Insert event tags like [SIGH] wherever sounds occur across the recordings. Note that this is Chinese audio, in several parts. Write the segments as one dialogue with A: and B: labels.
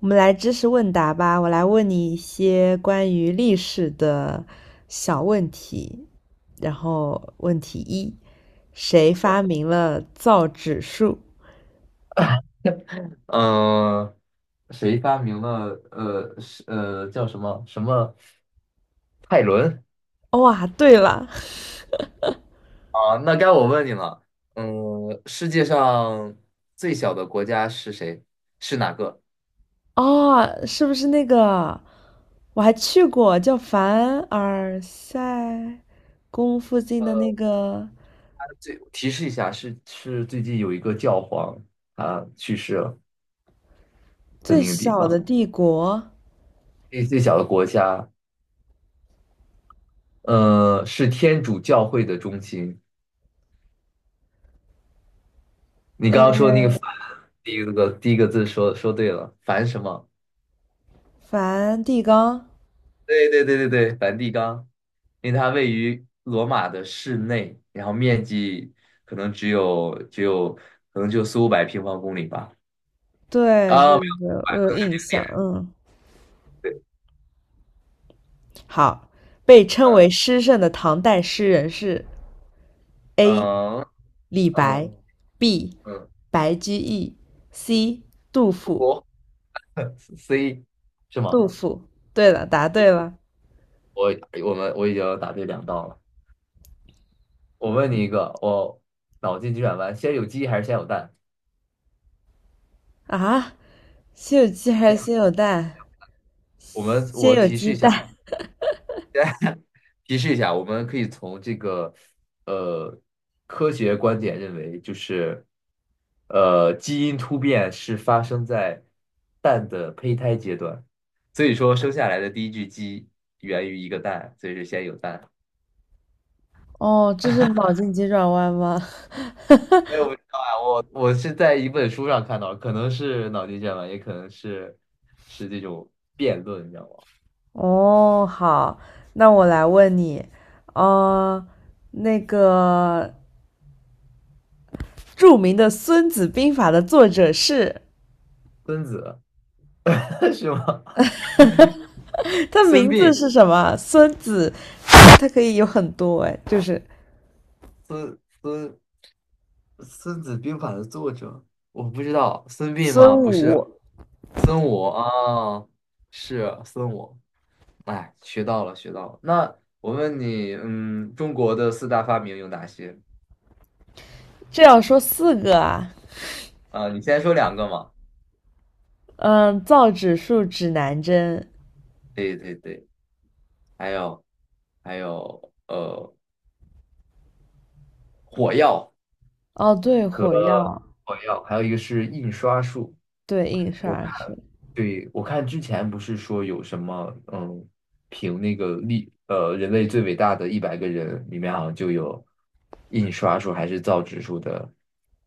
A: 我们来知识问答吧，我来问你一些关于历史的小问题。然后问题一，谁
B: 的，
A: 发明了造纸术？
B: 呃，谁发明了是叫什么什么泰伦
A: 哦哇，对了，
B: 啊？那该我问你了，嗯、世界上最小的国家是谁？是哪个？
A: 哦，是不是那个？我还去过叫凡尔赛宫附近的那个
B: 最提示一下，是最近有一个教皇他去世了的
A: 最
B: 那个地
A: 小的
B: 方，
A: 帝国——
B: 那最小的国家，呃，是天主教会的中心。你刚刚说那个梵，第一个字说对了，梵什么？
A: 梵蒂冈。
B: 对对对对对，梵蒂冈，因为它位于罗马的市内，然后面积可能只有可能就四五百平方公里吧。
A: 对对
B: 啊，没有
A: 对，我有印象，
B: 点，
A: 嗯。
B: 对，
A: 好，被称为
B: 嗯
A: 诗圣的唐代诗人是 A.
B: 嗯
A: 李
B: 嗯
A: 白，B.
B: 嗯，
A: 白居易，C. 杜甫。
B: 我 C 是吗？
A: 杜甫，对了，答对了。
B: 我我已经答对2道了。我问你一个，我脑筋急转弯，先有鸡还是先有蛋？
A: 啊！先有鸡还
B: 先
A: 是
B: 有
A: 先有蛋？
B: 我们
A: 先
B: 我
A: 有
B: 提示
A: 鸡
B: 一
A: 蛋。
B: 下，提示一下，我们可以从这个呃科学观点认为，就是基因突变是发生在蛋的胚胎阶段，所以说生下来的第一具鸡源于一个蛋，所以是先有蛋。
A: 哦，这是脑筋急转弯吗？
B: 没有，我不知道啊，我是在一本书上看到，可能是脑筋急转弯，也可能是是这种辩论，你知道吗？
A: [LAUGHS] 哦，好，那我来问你，呃，那个著名的《孙子兵法》的作者是？
B: 孙子 [LAUGHS] 是吗？
A: [LAUGHS]
B: [LAUGHS]
A: 他
B: 孙
A: 名字
B: 膑。
A: 是什么？孙子，他可以有很多哎，就是
B: 孙孙孙子兵法的作者，我不知道，孙膑吗？
A: 孙
B: 不是，
A: 武，
B: 孙武啊，是孙武。哎，学到了，学到了。那我问你，嗯，中国的四大发明有哪些？
A: 这要说四个啊。
B: 啊、你先说2个嘛。
A: 嗯，造纸术指南针，
B: 对对对，还有还有火药，
A: 哦，对，火药，
B: 火药，还有一个是印刷术。
A: 对，印刷术。
B: 对，我看之前不是说有什么，嗯，评那个历，呃，人类最伟大的100个人里面好像就有印刷术还是造纸术的，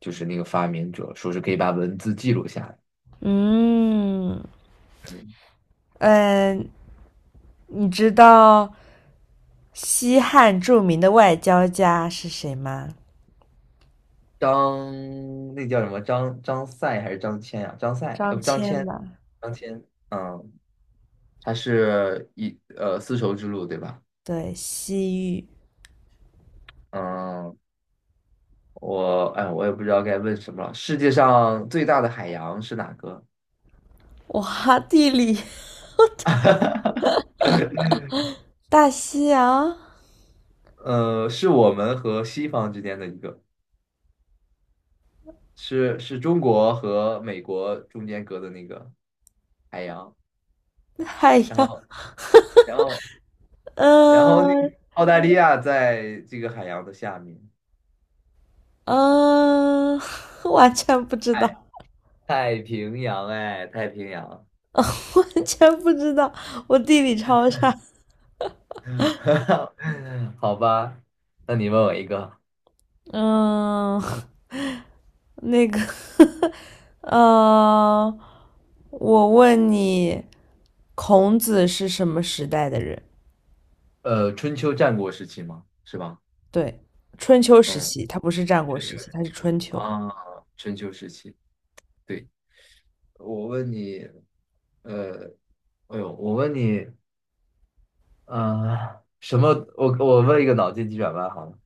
B: 就是那个发明者，说是可以把文字记录下来。
A: 嗯，
B: 嗯，
A: 嗯，你知道西汉著名的外交家是谁吗？
B: 张，那叫什么？张赛还是张骞呀、张赛，
A: 张
B: 不，张骞，
A: 骞吧，
B: 张骞，嗯，他是丝绸之路对吧？
A: 对，西域。
B: 嗯，我哎，我也不知道该问什么了。世界上最大的海洋是哪个？
A: 哇，地理，
B: [LAUGHS]
A: 大西洋，
B: 呃，是我们和西方之间的一个，是是中国和美国中间隔的那个海洋，
A: 海
B: 然
A: 洋，
B: 后然后然后那
A: 嗯、
B: 澳大利亚在这个海洋的下面，
A: 嗯、呃 [LAUGHS] 完全不知道，
B: 太平洋哎，太平洋，
A: [LAUGHS] 完全不知道，我地理超差。
B: [LAUGHS] 好吧，那你问我一个，
A: 嗯、[LAUGHS] 呃那个，[LAUGHS] 嗯，我问你，孔子是什么时代的人？
B: 呃，春秋战国时期吗？是吧？
A: 对，春秋时
B: 嗯，
A: 期，他不是战国
B: 春秋
A: 时期，他是春秋。
B: 啊，春秋时期，对，我问你，呃，哎呦，我问你。呃，什么？我问一个脑筋急转弯好了，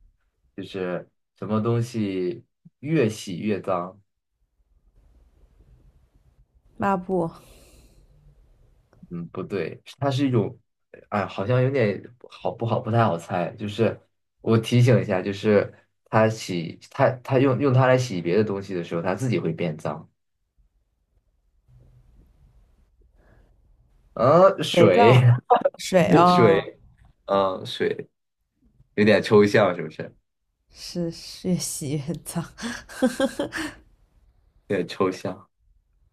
B: 就是什么东西越洗越脏？
A: 抹布，
B: 嗯，不对，它是一种，哎，好像有点好不好不太好猜。就是我提醒一下，就是它洗它用它来洗别的东西的时候，它自己会变脏。啊，
A: 肥皂，
B: 水
A: 水
B: [LAUGHS]
A: 哦，
B: 水，嗯，水有点抽象，是不是？
A: 是越洗越脏。
B: 有点抽象。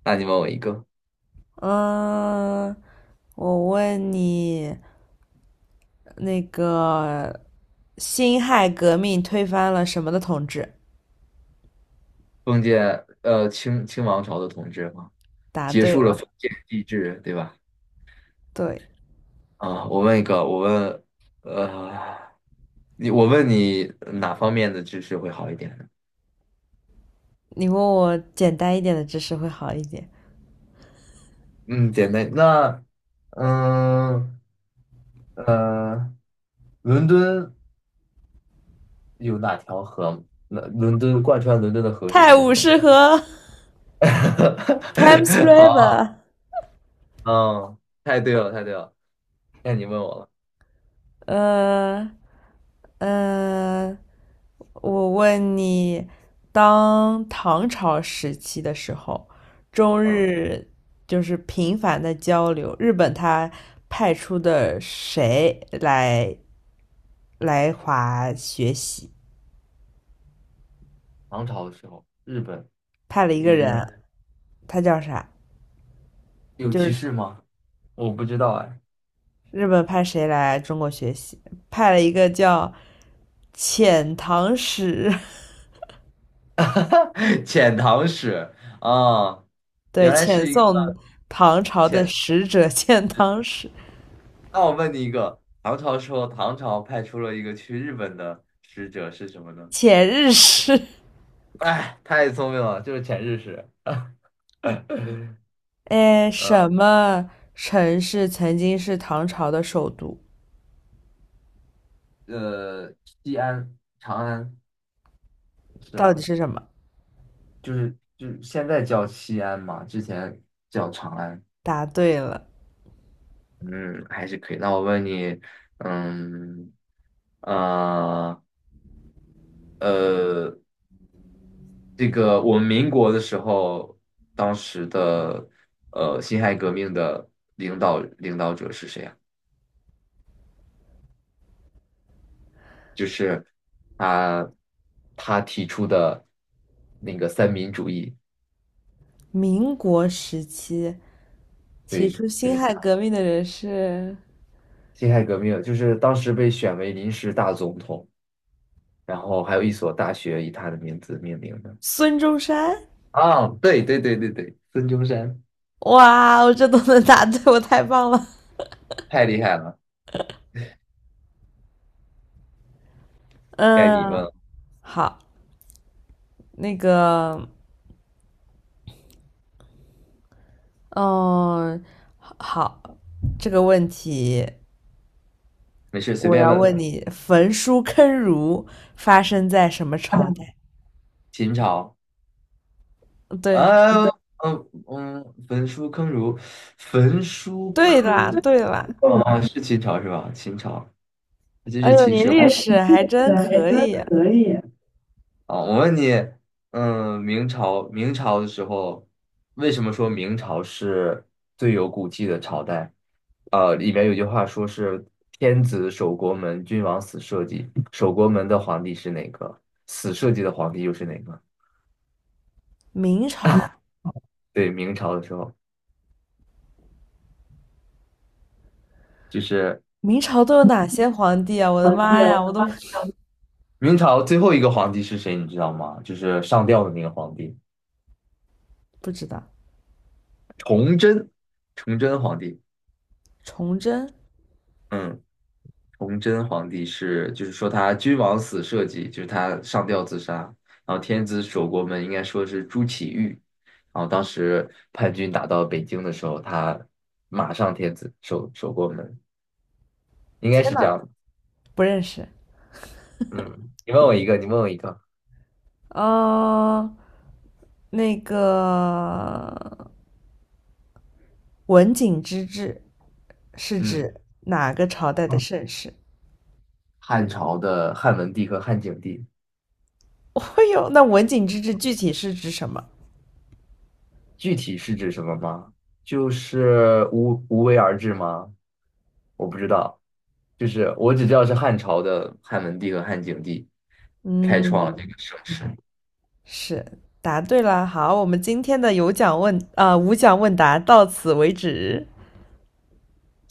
B: 那你问我一个，
A: [LAUGHS] 嗯，我问你，那个辛亥革命推翻了什么的统治？
B: 封建清王朝的统治吗？
A: 答
B: 结
A: 对
B: 束了
A: 了。
B: 封建帝制，对吧？
A: 对，
B: 啊，我问一个，我问，呃，你我问你哪方面的知识会好一点呢？
A: 你问我简单一点的知识会好一点。
B: 嗯，简单。那嗯呃，伦敦有哪条河吗那伦敦贯穿伦敦的河是
A: 泰
B: 什么
A: 晤
B: 河？
A: 士河 （Thames
B: [LAUGHS] 好，
A: River）。
B: 嗯，太对了，太对了。那你问我了，
A: 呃呃，我问你，当唐朝时期的时候，中
B: 嗯，
A: 日就是频繁的交流，日本他派出的谁来华学习？
B: 唐朝的时候，日本
A: 派了一
B: 有
A: 个
B: 一个人
A: 人，他叫啥？
B: 有
A: 就
B: 提
A: 是
B: 示吗？我不知道哎。
A: 日本派谁来中国学习？派了一个叫遣唐使，
B: [LAUGHS] 哈哈，遣唐使啊，
A: [LAUGHS] 对，
B: 原来
A: 遣
B: 是一个
A: 送唐朝的
B: 遣。
A: 使者，遣唐使、
B: 那我问你一个，唐朝时候，唐朝派出了一个去日本的使者是什么呢？
A: 遣日使。
B: 哎，太聪明了，就是遣日使。[LAUGHS]
A: 哎，
B: 呃
A: 什么城市曾经是唐朝的首都？
B: 呃，西安、长安是
A: 到底
B: 吗？
A: 是什么？
B: 就是就是现在叫西安嘛，之前叫长安。
A: 答对了。
B: 嗯，还是可以。那我问你，嗯呃呃，这个我们民国的时候，当时的辛亥革命的领导者是谁啊？就是他他提出的那个三民主义，
A: 民国时期提
B: 对，
A: 出
B: 就
A: 辛
B: 是
A: 亥革命的人是
B: 辛亥革命，就是当时被选为临时大总统，然后还有一所大学以他的名字命名的。
A: 孙中山。
B: 啊，对对对对对，孙中山，
A: 哇，我这都能答对，我太棒了。
B: 太厉害了，该你问
A: 嗯，
B: 了，
A: 好，那个嗯，好，这个问题
B: 没事随
A: 我
B: 便
A: 要
B: 问，
A: 问你：焚书坑儒发生在什么朝代？
B: 秦朝。
A: 对，
B: 啊，嗯嗯，焚书坑儒，焚书
A: 对
B: 坑
A: 啦，对啦。
B: 啊，是秦朝是吧？秦朝，这
A: 哎
B: 是
A: 呦，
B: 秦
A: 你
B: 始皇
A: 历史还真
B: 对，
A: 可
B: 都
A: 以。
B: 可以。啊。我问你，嗯，明朝明朝的时候，为什么说明朝是最有骨气的朝代？啊，里面有句话说是“天子守国门，君王死社稷”，守国门的皇帝是哪个？死社稷的皇帝又是哪个？
A: 明朝，
B: 对，明朝的时候就是
A: 明朝都有哪些皇帝啊？我的
B: 皇帝
A: 妈呀，
B: 哦，
A: 我都
B: [LAUGHS] 明朝最后一个皇帝是谁，你知道吗？就是上吊的那个皇帝，
A: 不知道。
B: 崇祯皇帝。
A: 崇祯，
B: 嗯，崇祯皇帝是，就是说他君王死社稷，就是他上吊自杀。然后天子守国门，应该说是朱祁钰。然后当时叛军打到北京的时候，他马上天子守国门，应该
A: 天
B: 是这
A: 呐，
B: 样的
A: 不认识。
B: 嗯，你问我一个，你问我一个。
A: 嗯，那个文景之治是
B: 嗯，
A: 指哪个朝代的盛世？
B: 汉朝的汉文帝和汉景帝。
A: [LAUGHS] 哦呦，那文景之治具体是指什么？
B: 具体是指什么吗？就是无为而治吗？我不知道，就是我只知道是汉朝的汉文帝和汉景帝。开创。
A: 嗯，是，答对了。好，我们今天的有奖问，啊，呃无奖问答到此为止。